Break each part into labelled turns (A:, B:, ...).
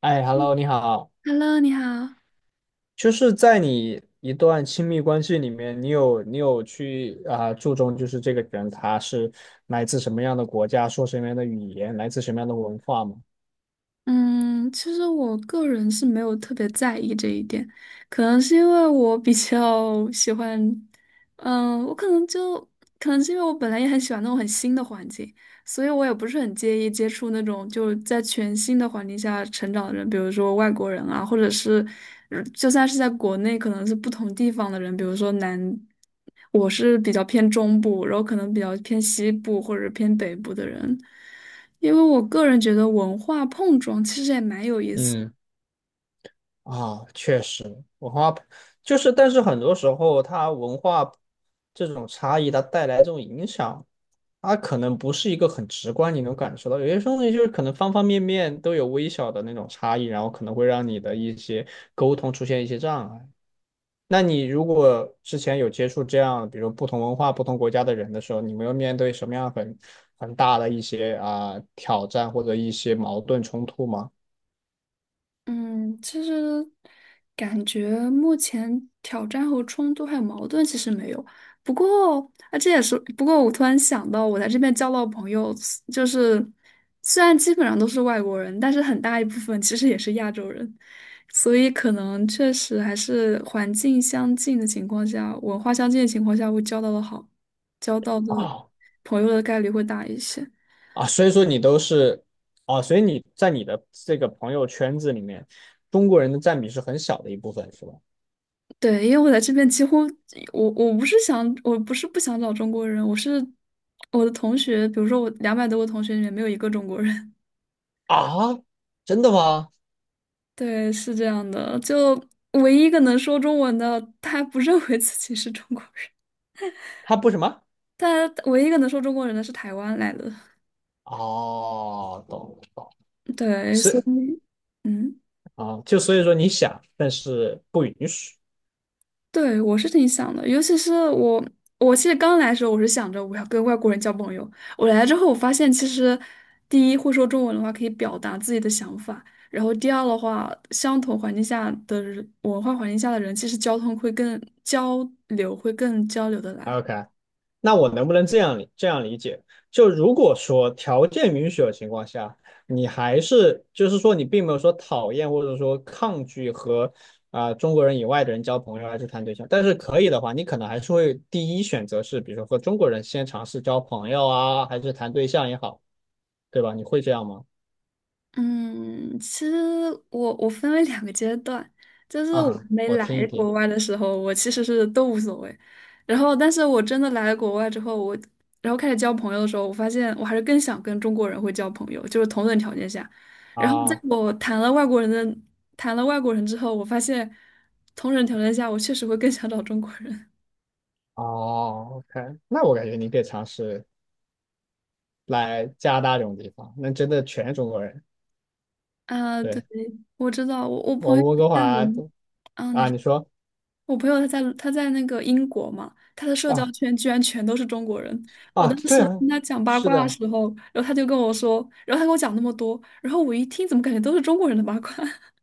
A: 哎，Hello，你好。
B: Hello，你好。
A: 就是在你一段亲密关系里面，你有去注重就是这个人他是来自什么样的国家，说什么样的语言，来自什么样的文化吗？
B: 嗯，其实我个人是没有特别在意这一点，可能是因为我比较喜欢，嗯，我可能就可能是因为我本来也很喜欢那种很新的环境，所以我也不是很介意接触那种就是在全新的环境下成长的人，比如说外国人啊，或者是就算是在国内，可能是不同地方的人，比如说南，我是比较偏中部，然后可能比较偏西部或者偏北部的人。因为我个人觉得文化碰撞其实也蛮有意思。
A: 嗯，啊，确实，文化就是，但是很多时候它文化这种差异，它带来这种影响，它可能不是一个很直观你能感受到，有些东西就是可能方方面面都有微小的那种差异，然后可能会让你的一些沟通出现一些障碍。那你如果之前有接触这样，比如不同文化、不同国家的人的时候，你没有面对什么样很大的一些挑战或者一些矛盾冲突吗？
B: 嗯，其实感觉目前挑战和冲突还有矛盾其实没有。不过啊，这也是不过我突然想到，我在这边交到朋友，就是虽然基本上都是外国人，但是很大一部分其实也是亚洲人，所以可能确实还是环境相近的情况下，文化相近的情况下，会交到的
A: 啊
B: 朋友的概率会大一些。
A: 啊，所以说你都是啊，所以你在你的这个朋友圈子里面，中国人的占比是很小的一部分，是吧？
B: 对，因为我在这边几乎，我不是不想找中国人，我的同学，比如说我200多个同学里面没有一个中国人。
A: 啊，真的吗？
B: 对，是这样的，就唯一一个能说中文的，他不认为自己是中国人，
A: 他不什么？
B: 但唯一一个能说中国人的是台湾来的。
A: 哦，懂懂，
B: 对，所
A: 是
B: 以，嗯。
A: 啊，就所以说你想，但是不允许。
B: 对，我是挺想的，尤其是我，我其实刚来的时候，我是想着我要跟外国人交朋友。我来了之后，我发现其实，第一会说中文的话，可以表达自己的想法；然后第二的话，相同环境下的人文化环境下的人，其实交通会更交流，会更交流的来。
A: OK,那我能不能这样理解？就如果说条件允许的情况下，你还是就是说你并没有说讨厌或者说抗拒和中国人以外的人交朋友还是谈对象，但是可以的话，你可能还是会第一选择是，比如说和中国人先尝试交朋友啊，还是谈对象也好，对吧？你会这样吗？
B: 嗯，其实我分为两个阶段，就是我
A: 啊，
B: 还没
A: 我听一
B: 来
A: 听
B: 国外的时候，我其实是都无所谓，然后但是我真的来了国外之后，然后开始交朋友的时候，我发现我还是更想跟中国人会交朋友，就是同等条件下。然后在
A: 啊。
B: 我谈了外国人的谈了外国人之后，我发现同等条件下，我确实会更想找中国人。
A: 哦，OK,那我感觉你可以尝试来加拿大这种地方，那真的全是中国人。
B: 啊、对，
A: 对，
B: 我知道，
A: 我们温哥
B: 在
A: 华
B: 伦，
A: 都啊，
B: 说。
A: 你说
B: 我朋友他在那个英国嘛，他的社交
A: 啊
B: 圈居然全都是中国人。我
A: 啊，
B: 当
A: 对
B: 时
A: 啊，
B: 跟他讲八
A: 是
B: 卦的
A: 的
B: 时候，然后他就跟我说，然后他跟我讲那么多，然后我一听怎么感觉都是中国人的八卦？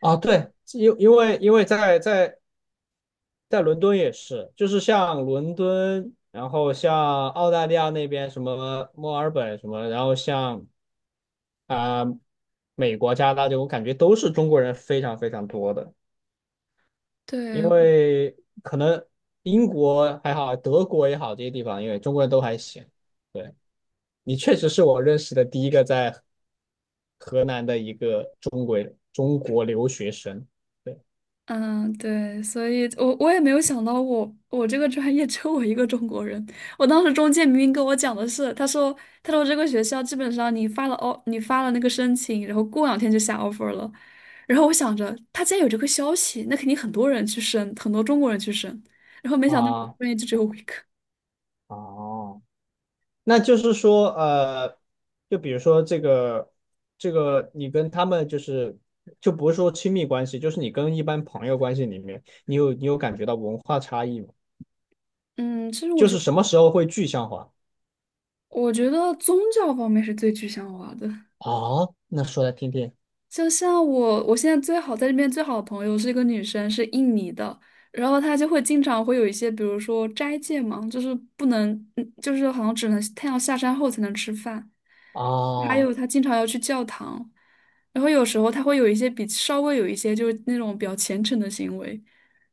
A: 啊，对，因为在在伦敦也是，就是像伦敦，然后像澳大利亚那边什么墨尔本什么，然后像啊、美国、加拿大这种我感觉都是中国人非常非常多的。
B: 对，
A: 因为可能英国还好，德国也好，这些地方，因为中国人都还行。对，你确实是我认识的第一个在河南的一个中国留学生。对
B: 嗯，对，所以我也没有想到我这个专业 只有我一个中国人。我当时中介明明跟我讲的是，他说这个学校基本上你发了那个申请，然后过两天就下 offer 了。然后我想着他既然有这个消息，那肯定很多人去申，很多中国人去申。然后没想到我
A: 啊，
B: 专业就只有我一个。
A: 哦，那就是说，就比如说这个，你跟他们就是就不是说亲密关系，就是你跟一般朋友关系里面，你有感觉到文化差异吗？
B: 嗯，其实我
A: 就是
B: 觉
A: 什么时候会具象化？
B: 我觉得宗教方面是最具象化的。
A: 哦，那说来听听。
B: 就像我，我现在最好在这边最好的朋友是一个女生，是印尼的，然后她就会经常会有一些，比如说斋戒嘛，就是不能，嗯就是好像只能太阳下山后才能吃饭，还
A: 哦
B: 有她经常要去教堂，然后有时候她会有一些比稍微有一些就是那种比较虔诚的行为，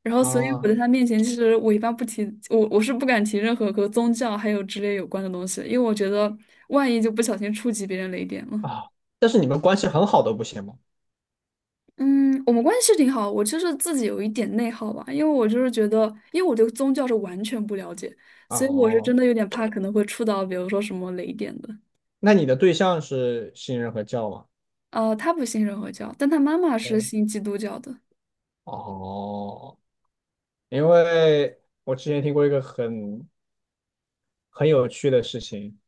B: 然后所以我
A: 哦
B: 在她面前，其实我一般不提，我是不敢提任何和宗教还有之类有关的东西的，因为我觉得万一就不小心触及别人雷点
A: 哦，
B: 了。
A: 啊！但是你们关系很好都不行吗？
B: 嗯，我们关系是挺好，我就是自己有一点内耗吧，因为我对宗教是完全不了解，所以我是真
A: 哦，
B: 的有点怕可能会触到，比如说什么雷点的。
A: 那你的对象是信任和教吗？
B: 呃，他不信任何教，但他妈妈是
A: 哦
B: 信基督教的。
A: 哦，因为我之前听过一个很有趣的事情，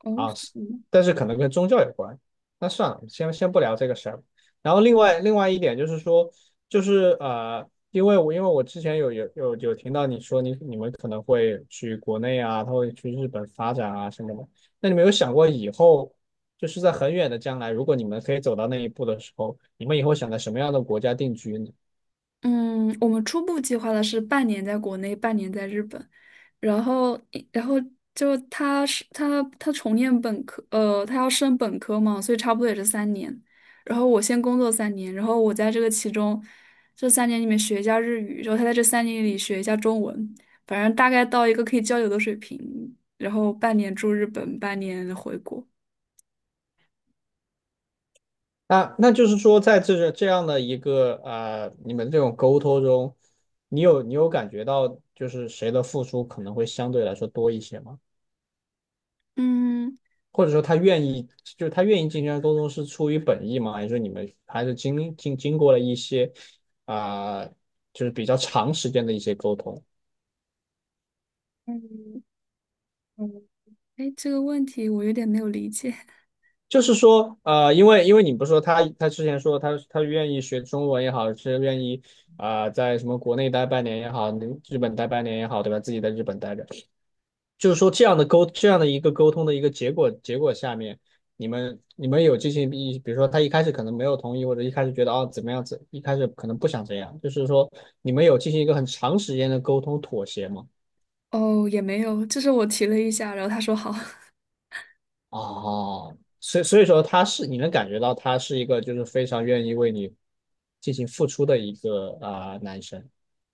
B: 哦，
A: 啊，
B: 是吗？
A: 但是可能跟宗教有关。那算了，先不聊这个事儿。然后另外一点就是说，因为我之前有听到你说你们可能会去国内啊，他会去日本发展啊什么的。那你们有想过以后，就是在很远的将来，如果你们可以走到那一步的时候，你们以后想在什么样的国家定居呢？
B: 嗯，我们初步计划的是半年在国内，半年在日本。然后然后就他是他他重念本科，呃，他要升本科嘛，所以差不多也是三年。然后我先工作三年，然后我在这个其中这三年里面学一下日语，然后他在这三年里学一下中文，反正大概到一个可以交流的水平。然后半年住日本，半年回国。
A: 那那就是说，在这个这样的一个你们这种沟通中，你有感觉到就是谁的付出可能会相对来说多一些吗？
B: 嗯，
A: 或者说他愿意，就是他愿意进行沟通是出于本意吗？还是说你们还是经过了一些啊、呃就是比较长时间的一些沟通？
B: 哎，这个问题我有点没有理解。
A: 就是说，因为你不是说他之前说他愿意学中文也好，是愿意在什么国内待半年也好，日本待半年也好，对吧？自己在日本待着。就是说这样的一个沟通的一个结果下面，你们有进行一，比如说他一开始可能没有同意，或者一开始觉得啊怎么样子，一开始可能不想这样，就是说你们有进行一个很长时间的沟通妥协吗？
B: 哦，也没有，就是我提了一下，然后他说好。
A: 哦，所以说他是你能感觉到他是一个就是非常愿意为你进行付出的一个男生。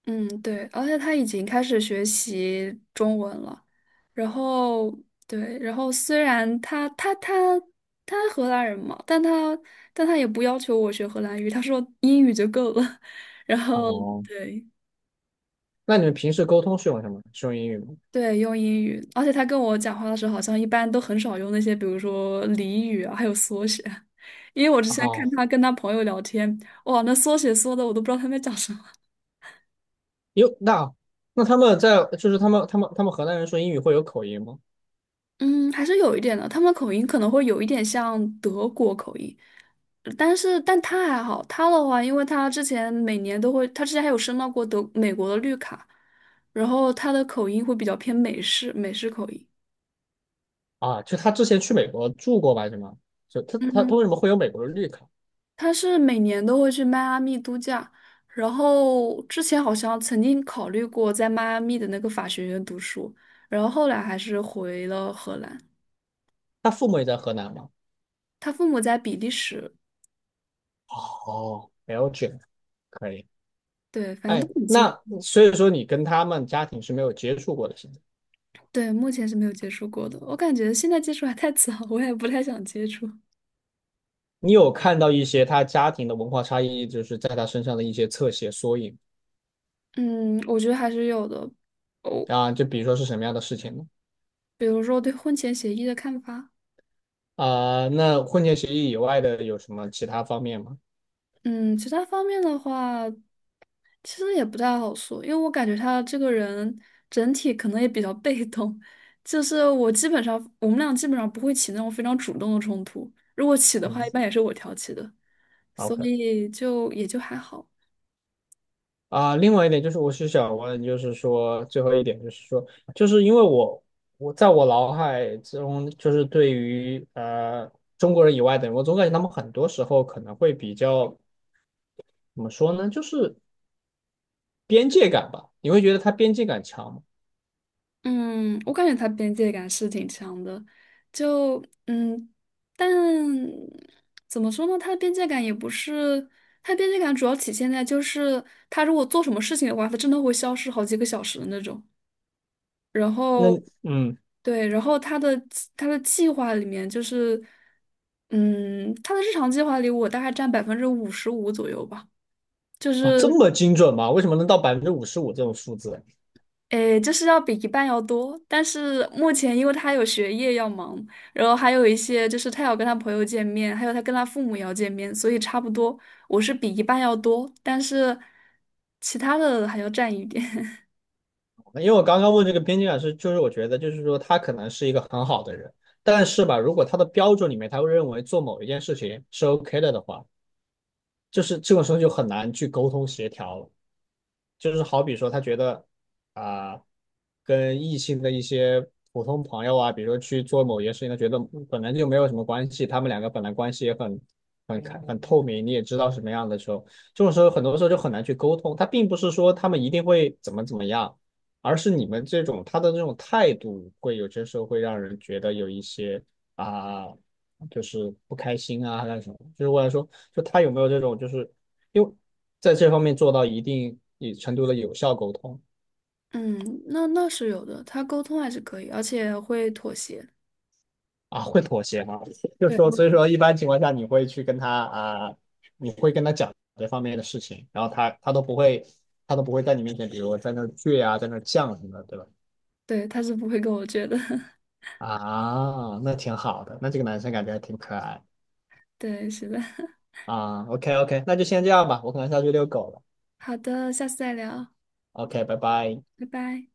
B: 嗯，对，而且他已经开始学习中文了，然后对，然后虽然他他荷兰人嘛，但他也不要求我学荷兰语，他说英语就够了，然后
A: 哦，
B: 对
A: 那你们平时沟通是用什么？是用英语吗？
B: 对，用英语，而且他跟我讲话的时候，好像一般都很少用那些，比如说俚语啊，还有缩写，因为我之前看
A: 哦，
B: 他跟他朋友聊天，哇，那缩写缩的我都不知道他们在讲什么。
A: 有那那他们在就是他们河南人说英语会有口音吗？
B: 嗯，还是有一点的，他们口音可能会有一点像德国口音，但他还好，他的话，因为他之前每年都会，他之前还有申到过德美国的绿卡，然后他的口音会比较偏美式口音。
A: 啊，就他之前去美国住过吧，是吗？就他为
B: 嗯，
A: 什么会有美国的绿卡？
B: 他是每年都会去迈阿密度假，然后之前好像曾经考虑过在迈阿密的那个法学院读书，然后后来还是回了荷兰。
A: 他父母也在河南吗？
B: 他父母在比利时，
A: 哦，Belgium 可以。
B: 对，反正
A: 哎，
B: 都很近。
A: 那所以说你跟他们家庭是没有接触过的，现在
B: 对，目前是没有接触过的。我感觉现在接触还太早，我也不太想接触。
A: 你有看到一些他家庭的文化差异，就是在他身上的一些侧写缩影
B: 嗯，我觉得还是有的。哦，
A: 啊？就比如说是什么样的事情呢？
B: 比如说对婚前协议的看法。
A: 啊、那婚前协议以外的有什么其他方面吗？
B: 嗯，其他方面的话，其实也不太好说，因为我感觉他这个人整体可能也比较被动。就是我们俩基本上不会起那种非常主动的冲突，如果起的话，一
A: 嗯
B: 般也是我挑起的，所
A: ，OK。
B: 以就也就还好。
A: 啊，另外一点就是，我是想问，就是说最后一点就是说，因为我在我脑海中，就是对于中国人以外的人，我总感觉他们很多时候可能会比较怎么说呢，就是边界感吧。你会觉得他边界感强吗
B: 嗯，我感觉他边界感是挺强的，就嗯，但怎么说呢？他的边界感也不是，他边界感主要体现在就是他如果做什么事情的话，他真的会消失好几个小时的那种。然
A: 那
B: 后，
A: 嗯，
B: 对，他的计划里面就是，嗯，他的日常计划里我大概占55%左右吧，就
A: 哇，
B: 是。
A: 这么精准吗？为什么能到55%这种数字啊？
B: 诶，就是要比一半要多，但是目前因为他有学业要忙，然后还有一些就是他要跟他朋友见面，还有他跟他父母也要见面，所以差不多我是比一半要多，但是其他的还要占一点。
A: 因为我刚刚问这个边界感是，就是我觉得就是说他可能是一个很好的人，但是吧，如果他的标准里面他会认为做某一件事情是 OK 的话。就是这个时候就很难去沟通协调了。就是好比说，他觉得啊、跟异性的一些普通朋友啊，比如说去做某些事情，他觉得本来就没有什么关系，他们两个本来关系也很开很透明，你也知道什么样的时候，这种时候很多时候就很难去沟通。他并不是说他们一定会怎么怎么样，而是你们这种他的这种态度，会有些时候会让人觉得有一些啊。就是不开心啊，还是什么？就是我想说，就他有没有这种，就是因为在这方面做到一定程度的有效沟通
B: 嗯，那那是有的，他沟通还是可以，而且会妥协。
A: 啊，会妥协吗？就
B: 对，
A: 说，所以说一般情况下你会去跟他啊，你会跟他讲这方面的事情，然后他都不会，他都不会在你面前，比如在那儿倔啊，在那儿犟什么的，对吧？
B: 对，他是不会跟我倔的。
A: 啊，那挺好的，那这个男生感觉还挺可爱
B: 对，是的。
A: 啊。OK OK,那就先这样吧，我可能下去遛狗了。
B: 好的，下次再聊，
A: OK,拜拜。
B: 拜拜。